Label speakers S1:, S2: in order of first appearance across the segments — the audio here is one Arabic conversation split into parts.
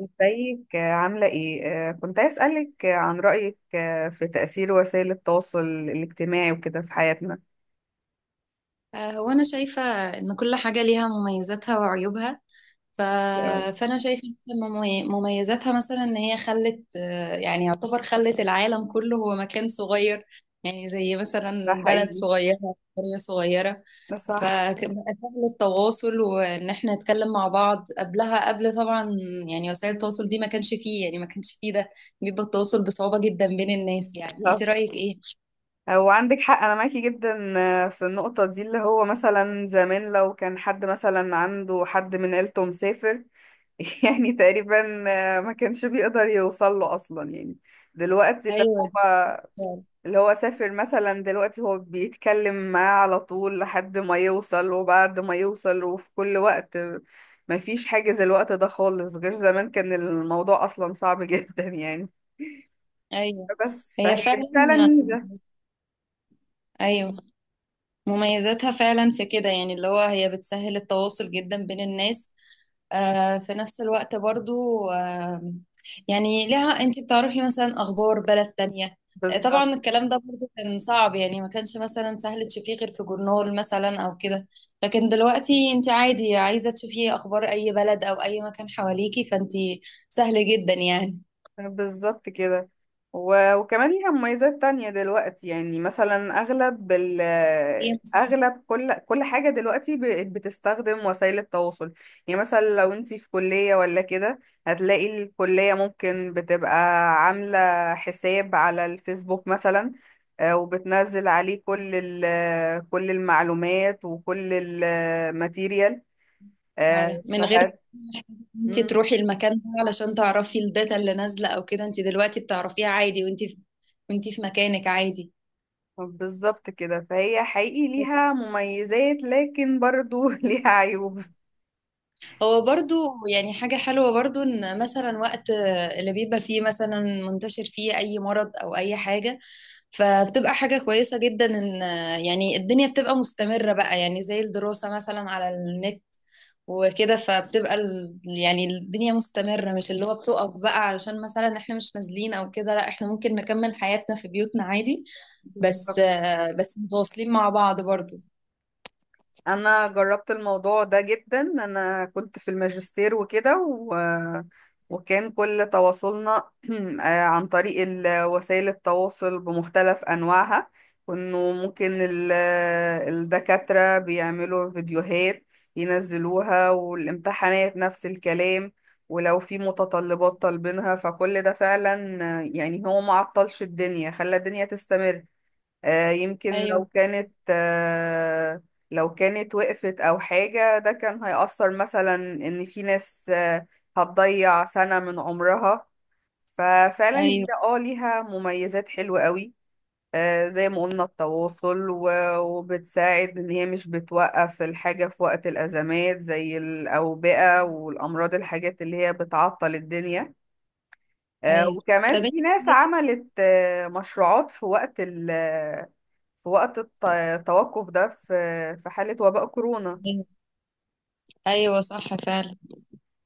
S1: ازيك؟ عاملة ايه؟ كنت عايز اسألك عن رأيك في تأثير وسائل التواصل الاجتماعي وكده في حياتنا.
S2: هو أنا شايفة إن كل حاجة ليها مميزاتها وعيوبها. ف...
S1: أوي.
S2: فأنا شايفة مثلاً مميزاتها مثلا إن هي خلت، يعني يعتبر خلت العالم كله هو مكان صغير، يعني زي
S1: ده
S2: مثلا بلد
S1: حقيقي.
S2: صغيرة، قرية صغيرة،
S1: ده صح.
S2: فبقى سهل التواصل وإن إحنا نتكلم مع بعض قبلها. قبل طبعا يعني وسائل التواصل دي ما كانش فيه ده، بيبقى التواصل بصعوبة جدا بين الناس. يعني أنت
S1: لا.
S2: رأيك إيه؟
S1: هو عندك حق، انا معاكي جدا. في النقطة دي اللي هو مثلا زمان لو كان حد مثلا عنده حد من عيلته مسافر. يعني تقريبا ما كانش بيقدر يوصل له اصلا يعني. دلوقتي اللي
S2: أيوه،
S1: هو اللي هو سافر مثلا دلوقتي هو بيتكلم معاه على طول لحد ما يوصل، وبعد ما يوصل وفي كل وقت. مفيش حاجة زي الوقت ده خالص، غير زمان كان الموضوع أصلا صعب جدا يعني.
S2: أيوه،
S1: بس
S2: هي
S1: فهي دي فعلا
S2: فعلا.
S1: ميزة.
S2: أيوه، مميزاتها فعلا في كده، يعني اللي هو هي بتسهل التواصل جدا بين الناس. في نفس الوقت برضو، آه، يعني لها انت بتعرفي مثلا اخبار بلد تانية.
S1: بالظبط.
S2: طبعا الكلام ده برضو كان صعب، يعني ما كانش مثلا سهل تشوفيه غير في جورنال مثلا او كده. لكن دلوقتي انت عادي عايزة تشوفي اخبار اي بلد او اي مكان حواليكي، فانت سهل جدا يعني.
S1: بالظبط كده، وكمان ليها مميزات تانية دلوقتي، يعني مثلا أغلب كل حاجة دلوقتي بقت بتستخدم وسائل التواصل. يعني مثلا لو انتي في كلية ولا كده، هتلاقي الكلية ممكن بتبقى عاملة حساب على الفيسبوك مثلا. وبتنزل عليه كل المعلومات وكل الماتيريال.
S2: فعلا من غير
S1: فهت...
S2: ما انت تروحي المكان ده علشان تعرفي الداتا اللي نازلة او كده. انت دلوقتي بتعرفيها عادي وانت في مكانك عادي.
S1: بالظبط كده، فهي حقيقي ليها مميزات، لكن برضو ليها عيوب.
S2: هو برضو يعني حاجة حلوة برضو ان مثلا وقت اللي بيبقى فيه مثلا منتشر فيه اي مرض او اي حاجة، فبتبقى حاجة كويسة جدا ان يعني الدنيا بتبقى مستمرة بقى، يعني زي الدراسة مثلا على النت وكده، فبتبقى يعني الدنيا مستمرة، مش اللي هو بتقف بقى علشان مثلا احنا مش نازلين او كده. لا، احنا ممكن نكمل حياتنا في بيوتنا عادي، بس متواصلين مع بعض برضو.
S1: انا جربت الموضوع ده جدا، انا كنت في الماجستير وكده، وكان كل تواصلنا عن طريق وسائل التواصل بمختلف انواعها. كانوا ممكن الدكاترة بيعملوا فيديوهات ينزلوها، والامتحانات نفس الكلام. ولو في متطلبات طالبينها فكل ده فعلا يعني هو معطلش الدنيا، خلى الدنيا تستمر. يمكن لو
S2: ايوه،
S1: كانت آه، لو كانت وقفت أو حاجة، ده كان هيأثر مثلا إن في ناس هتضيع سنة من عمرها. ففعلا هي
S2: ايوه،
S1: ليها مميزات حلوة قوي. زي ما قلنا التواصل، وبتساعد إن هي مش بتوقف الحاجة في وقت الأزمات، زي الأوبئة والأمراض، الحاجات اللي هي بتعطل الدنيا.
S2: ايوه،
S1: وكمان
S2: طب انت
S1: في ناس عملت مشروعات في وقت ال في وقت الت- التوقف ده في حالة وباء كورونا.
S2: ايوه، صح فعلا.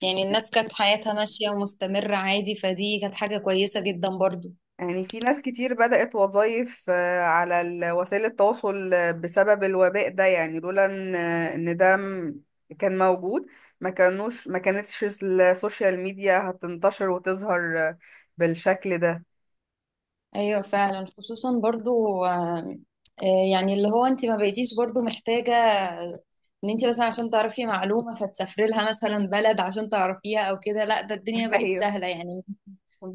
S2: يعني الناس كانت حياتها ماشية ومستمرة عادي، فدي كانت حاجة كويسة جدا برضو.
S1: يعني في ناس كتير بدأت وظائف على وسائل التواصل بسبب الوباء ده، يعني لولا إن ده كان موجود، ما كانتش السوشيال ميديا هتنتشر وتظهر بالشكل ده.
S2: ايوه فعلا، خصوصا برضو، آم، آه، يعني اللي هو انت ما بقيتيش برضو محتاجة ان انت مثلا عشان تعرفي معلومة فتسافري لها مثلا بلد عشان تعرفيها او كده. لا، ده الدنيا بقت
S1: ايوه،
S2: سهلة يعني.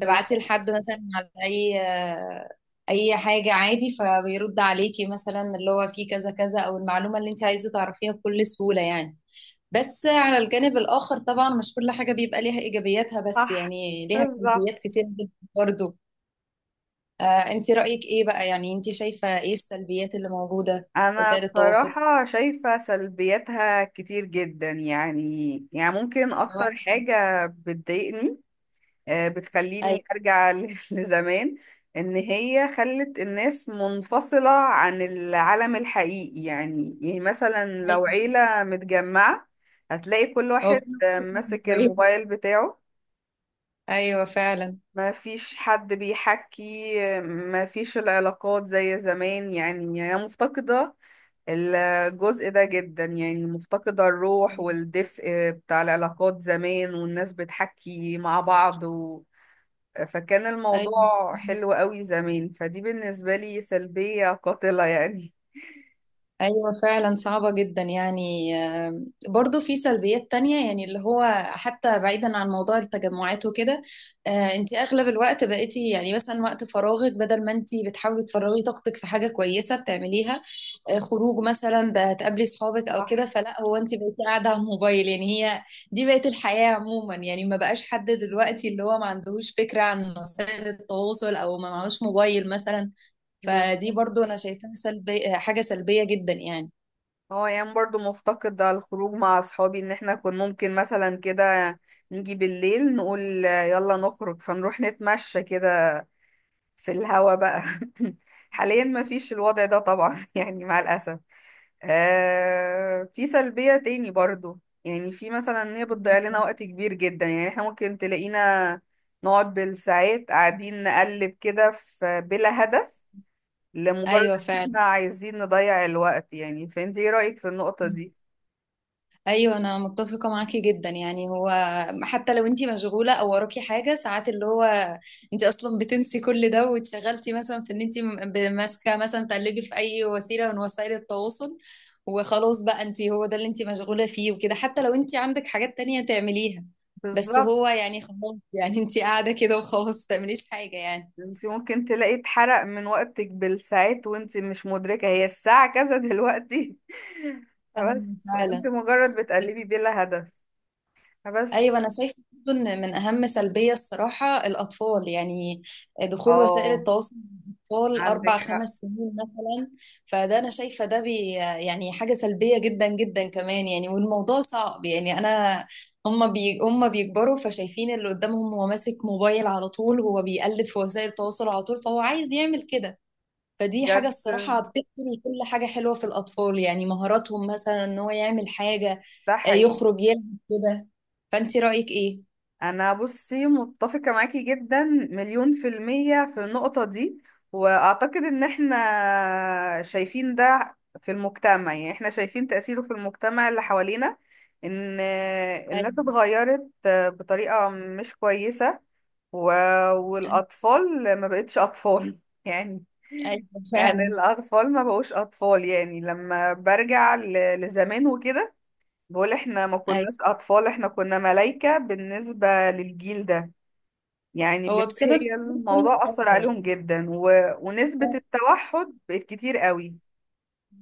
S2: تبعتي لحد مثلا على اي اي حاجة عادي، فبيرد عليكي مثلا اللي هو في كذا كذا، او المعلومة اللي انت عايزة تعرفيها بكل سهولة يعني. بس على الجانب الآخر طبعا مش كل حاجة بيبقى ليها إيجابياتها بس،
S1: صح،
S2: يعني ليها
S1: بالظبط.
S2: سلبيات كتير جدا برضه. انت رأيك ايه بقى؟ يعني انت شايفة ايه السلبيات اللي موجودة في
S1: انا
S2: وسائل التواصل؟
S1: بصراحة شايفة سلبياتها كتير جدا، يعني ممكن
S2: هو-
S1: اكتر حاجة بتضايقني
S2: ايوه،
S1: بتخليني ارجع لزمان. ان هي خلت الناس منفصلة عن العالم الحقيقي، يعني مثلا لو
S2: ايوه.
S1: عيلة متجمعة هتلاقي كل
S2: هو
S1: واحد
S2: كل واحد شايف إنه
S1: ماسك
S2: إيه.
S1: الموبايل بتاعه.
S2: ايوه فعلا.
S1: ما فيش حد بيحكي، ما فيش العلاقات زي زمان، يعني هي مفتقدة الجزء ده جدا، يعني مفتقدة الروح والدفء بتاع العلاقات زمان والناس بتحكي مع بعض. فكان
S2: ايوه،
S1: الموضوع حلو قوي زمان، فدي بالنسبة لي سلبية قاتلة يعني.
S2: ايوه فعلا صعبة جدا يعني. برضو في سلبيات تانية، يعني اللي هو حتى بعيدا عن موضوع التجمعات وكده. آه، انت اغلب الوقت بقيتي، يعني مثلا وقت فراغك بدل ما انت بتحاولي تفرغي طاقتك في حاجة كويسة بتعمليها، خروج مثلا، ده هتقابلي صحابك او
S1: صح.
S2: كده، فلا هو انت بقيتي قاعده على الموبايل يعني. هي دي بقت الحياه عموما، يعني ما بقاش حد دلوقتي اللي هو ما عندهوش فكره عن وسائل التواصل او ما معهوش موبايل مثلا.
S1: بس
S2: فدي برضو انا شايفاها حاجه سلبيه جدا يعني.
S1: هو يعني برضو مفتقد على الخروج مع أصحابي، إن إحنا كنا ممكن مثلا كده نيجي بالليل نقول يلا نخرج، فنروح نتمشى كده في الهوا بقى. حاليا مفيش الوضع ده طبعا يعني مع الأسف. في سلبية تاني برضو، يعني في مثلا ان هي بتضيع لنا وقت كبير جدا، يعني احنا ممكن تلاقينا نقعد بالساعات قاعدين نقلب كده في بلا هدف، لمجرد
S2: ايوه
S1: ان
S2: فعلا.
S1: احنا عايزين نضيع الوقت، يعني فانت ايه رأيك في النقطة دي؟
S2: ايوه انا متفقه معاكي جدا، يعني هو حتى لو انتي مشغوله او وراكي حاجه ساعات، اللي هو انتي اصلا بتنسي كل ده واتشغلتي مثلا في ان انتي ماسكه مثلا تقلبي في اي وسيله من وسائل التواصل، وخلاص بقى انتي هو ده اللي انتي مشغوله فيه وكده، حتى لو انتي عندك حاجات تانية تعمليها. بس
S1: بالظبط.
S2: هو يعني خلاص، يعني انتي قاعده كده وخلاص، ما تعمليش حاجه يعني.
S1: انت ممكن تلاقي اتحرق من وقتك بالساعات وانت مش مدركة هي الساعة كذا دلوقتي بس
S2: أيوة
S1: وانت
S2: فعلا.
S1: مجرد بتقلبي بلا هدف. بس،
S2: ايوه انا شايفه برضو ان من اهم سلبيه الصراحه الاطفال، يعني دخول وسائل
S1: اه،
S2: التواصل مع الاطفال
S1: عندك
S2: اربع خمس
S1: حق
S2: سنين مثلا. فده انا شايفه ده يعني حاجه سلبيه جدا جدا كمان يعني، والموضوع صعب يعني انا. هما بيكبروا فشايفين اللي قدامهم هو ماسك موبايل على طول، هو بيقلب في وسائل التواصل على طول، فهو عايز يعمل كده. فدي حاجة الصراحة
S1: بجد،
S2: بتقتل كل حاجة حلوة في الأطفال، يعني مهاراتهم مثلا إن هو يعمل حاجة،
S1: ده حقيقي.
S2: يخرج يلعب كده. فأنت رأيك إيه؟
S1: انا بصي متفقة معاكي جدا 1000000% في النقطة دي، واعتقد ان احنا شايفين ده في المجتمع، يعني احنا شايفين تأثيره في المجتمع اللي حوالينا، ان الناس
S2: أيوة،
S1: اتغيرت بطريقة مش كويسة. و...
S2: أيوة،
S1: والاطفال ما بقتش اطفال يعني.
S2: أيوة،
S1: يعني
S2: فعلا.
S1: الاطفال ما بقوش اطفال، يعني لما برجع لزمان وكده، بقول احنا ما
S2: أيوة،
S1: كناش اطفال، احنا كنا ملايكة بالنسبة للجيل ده. يعني بجد
S2: هو بسبب
S1: هي
S2: سهولة كل
S1: الموضوع اثر
S2: حاجة يعني.
S1: عليهم جدا، ونسبة التوحد بقت كتير قوي.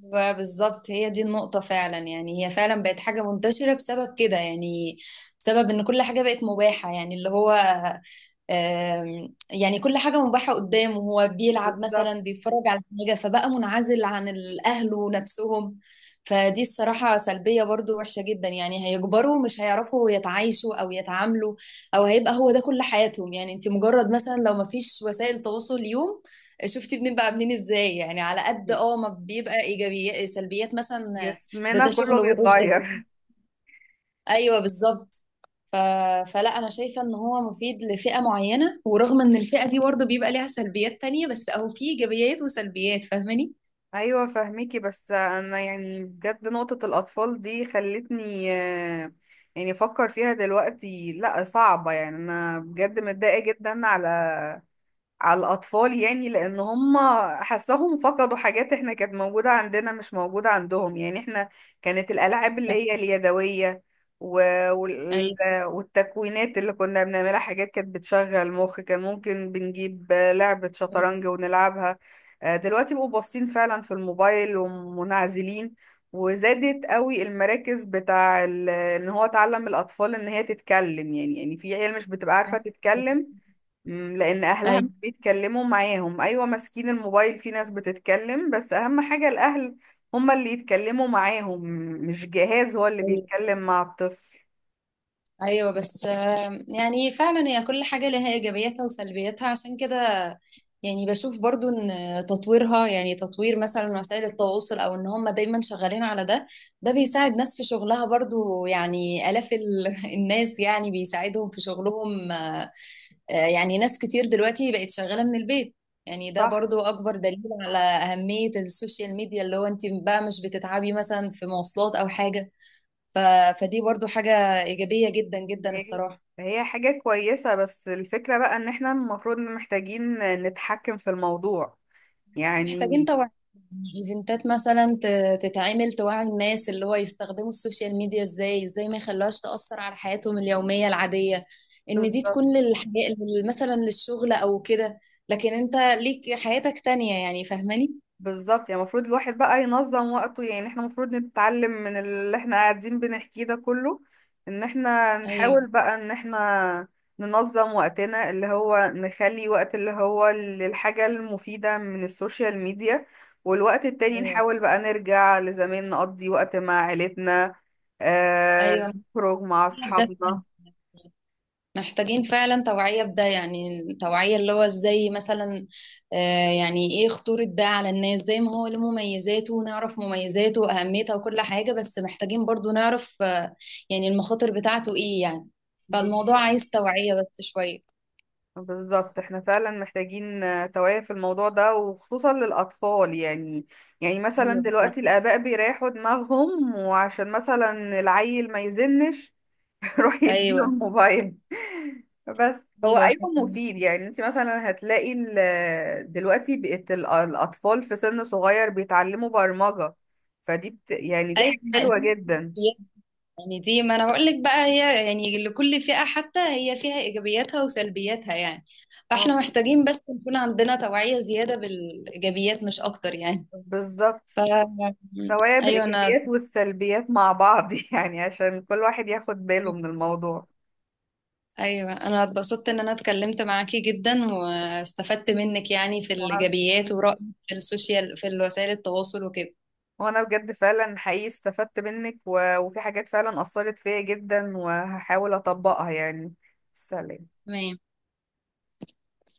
S2: أيوة، بالظبط. هي دي النقطة فعلا يعني. هي فعلا بقت حاجة منتشرة بسبب كده يعني، بسبب إن كل حاجة بقت مباحة، يعني اللي هو يعني كل حاجة مباحة قدامه، هو بيلعب
S1: بالظبط.
S2: مثلا بيتفرج على حاجة، فبقى منعزل عن الأهل ونفسهم. فدي الصراحة سلبية برضو وحشة جدا. يعني هيكبروا مش هيعرفوا يتعايشوا أو يتعاملوا، أو هيبقى هو ده كل حياتهم. يعني انت مجرد مثلا لو ما فيش وسائل تواصل اليوم، شفتي بنبقى عاملين ازاي؟ يعني على قد ما بيبقى ايجابيات سلبيات مثلا. ده
S1: جسمنا
S2: ده
S1: كله
S2: شغله وحش ده.
S1: بيتغير.
S2: ايوه بالظبط. ف... فلا انا شايفه ان هو مفيد لفئه معينه، ورغم ان الفئه دي برضه بيبقى ليها سلبيات تانية، بس اهو فيه ايجابيات وسلبيات فاهماني.
S1: ايوه فاهميكي، بس انا يعني بجد نقطة الاطفال دي خلتني يعني افكر فيها دلوقتي، لا صعبة يعني، انا بجد متضايقة جدا على الأطفال، يعني لأن هم حسهم فقدوا حاجات احنا كانت موجودة عندنا مش موجودة عندهم. يعني احنا كانت الألعاب اللي
S2: ف-
S1: هي اليدوية و- وال-
S2: ايوه،
S1: والتكوينات اللي كنا بنعملها حاجات كانت بتشغل مخ، كان ممكن بنجيب لعبة شطرنج ونلعبها. دلوقتي بقوا باصين فعلا في الموبايل ومنعزلين. وزادت قوي المراكز بتاع ان هو تعلم الأطفال ان هي تتكلم، يعني في عيال مش بتبقى عارفة تتكلم. لان اهلها مش
S2: ايوه،
S1: بيتكلموا معاهم، ايوه ماسكين الموبايل، في ناس بتتكلم بس اهم حاجة الاهل هما اللي يتكلموا معاهم، مش جهاز هو اللي
S2: ايوه،
S1: بيتكلم مع الطفل.
S2: ايوه. بس يعني فعلا هي كل حاجه لها ايجابياتها وسلبياتها عشان كده. يعني بشوف برضو ان تطويرها، يعني تطوير مثلا وسائل التواصل، او ان هم دايما شغالين على ده. ده بيساعد ناس في شغلها برضو، يعني الاف الناس يعني بيساعدهم في شغلهم. يعني ناس كتير دلوقتي بقت شغالة من البيت، يعني ده
S1: صح.
S2: برضو أكبر دليل على أهمية السوشيال ميديا، اللي هو أنت بقى مش بتتعبي مثلا في مواصلات أو حاجة. ف... فدي برضو حاجة إيجابية جدا جدا
S1: هي
S2: الصراحة.
S1: هي حاجة كويسة، بس الفكرة بقى ان احنا المفروض محتاجين نتحكم في الموضوع
S2: محتاجين
S1: يعني.
S2: توعي، إيفنتات مثلا تتعمل توعي الناس اللي هو يستخدموا السوشيال ميديا إزاي، إزاي ما يخلوهاش تأثر على حياتهم اليومية العادية، إن دي
S1: بالظبط،
S2: تكون للحياة، مثلا للشغل أو كده. لكن أنت ليك حياتك تانية يعني، فاهماني؟
S1: بالظبط، يعني المفروض الواحد بقى ينظم وقته، يعني احنا المفروض نتعلم من اللي احنا قاعدين بنحكيه ده كله، ان احنا نحاول
S2: أيوه،
S1: بقى ان احنا ننظم وقتنا اللي هو نخلي وقت اللي هو للحاجة المفيدة من السوشيال ميديا، والوقت التاني
S2: أيوه،
S1: نحاول بقى نرجع لزمان نقضي وقت مع عيلتنا.
S2: ايوه،
S1: نخرج مع
S2: ده
S1: اصحابنا.
S2: فعلا. محتاجين فعلا توعية بده، يعني توعية اللي هو ازاي مثلا، يعني ايه خطورة ده على الناس، زي ما هو له مميزاته ونعرف مميزاته وأهميتها وكل حاجة، بس محتاجين برضو نعرف يعني المخاطر بتاعته ايه يعني. فالموضوع عايز توعية بس شوية.
S1: بالظبط، احنا فعلا محتاجين توعية في الموضوع ده، وخصوصا للأطفال يعني. يعني مثلا
S2: ايوه فعلا.
S1: دلوقتي الآباء بيريحوا دماغهم، وعشان مثلا العيل ما يزنش يروح يديله
S2: ايوه،
S1: الموبايل. بس هو
S2: ايوه فعلا.
S1: أيوه مفيد، يعني انت مثلا هتلاقي دلوقتي بقت الأطفال في سن صغير بيتعلموا برمجة. فدي يعني دي
S2: ايوه،
S1: حاجة
S2: ما
S1: حلوة
S2: دي
S1: جدا.
S2: يعني دي، ما انا بقول لك بقى، هي يعني لكل فئة حتى هي فيها ايجابياتها وسلبياتها يعني.
S1: اه،
S2: فاحنا محتاجين بس نكون عندنا توعية زيادة بالايجابيات مش اكتر يعني. ف
S1: بالظبط، توعية
S2: ايوه انا
S1: بالإيجابيات والسلبيات مع بعض يعني عشان كل واحد ياخد باله من الموضوع.
S2: ايوه انا اتبسطت ان انا اتكلمت معاكي جدا واستفدت منك، يعني في
S1: وأنا
S2: الايجابيات ورأيك في السوشيال، في وسائل التواصل وكده.
S1: وأنا بجد فعلا حقيقي استفدت منك، وفي حاجات فعلا أثرت فيا جدا، وهحاول أطبقها يعني. سلام.
S2: تمام.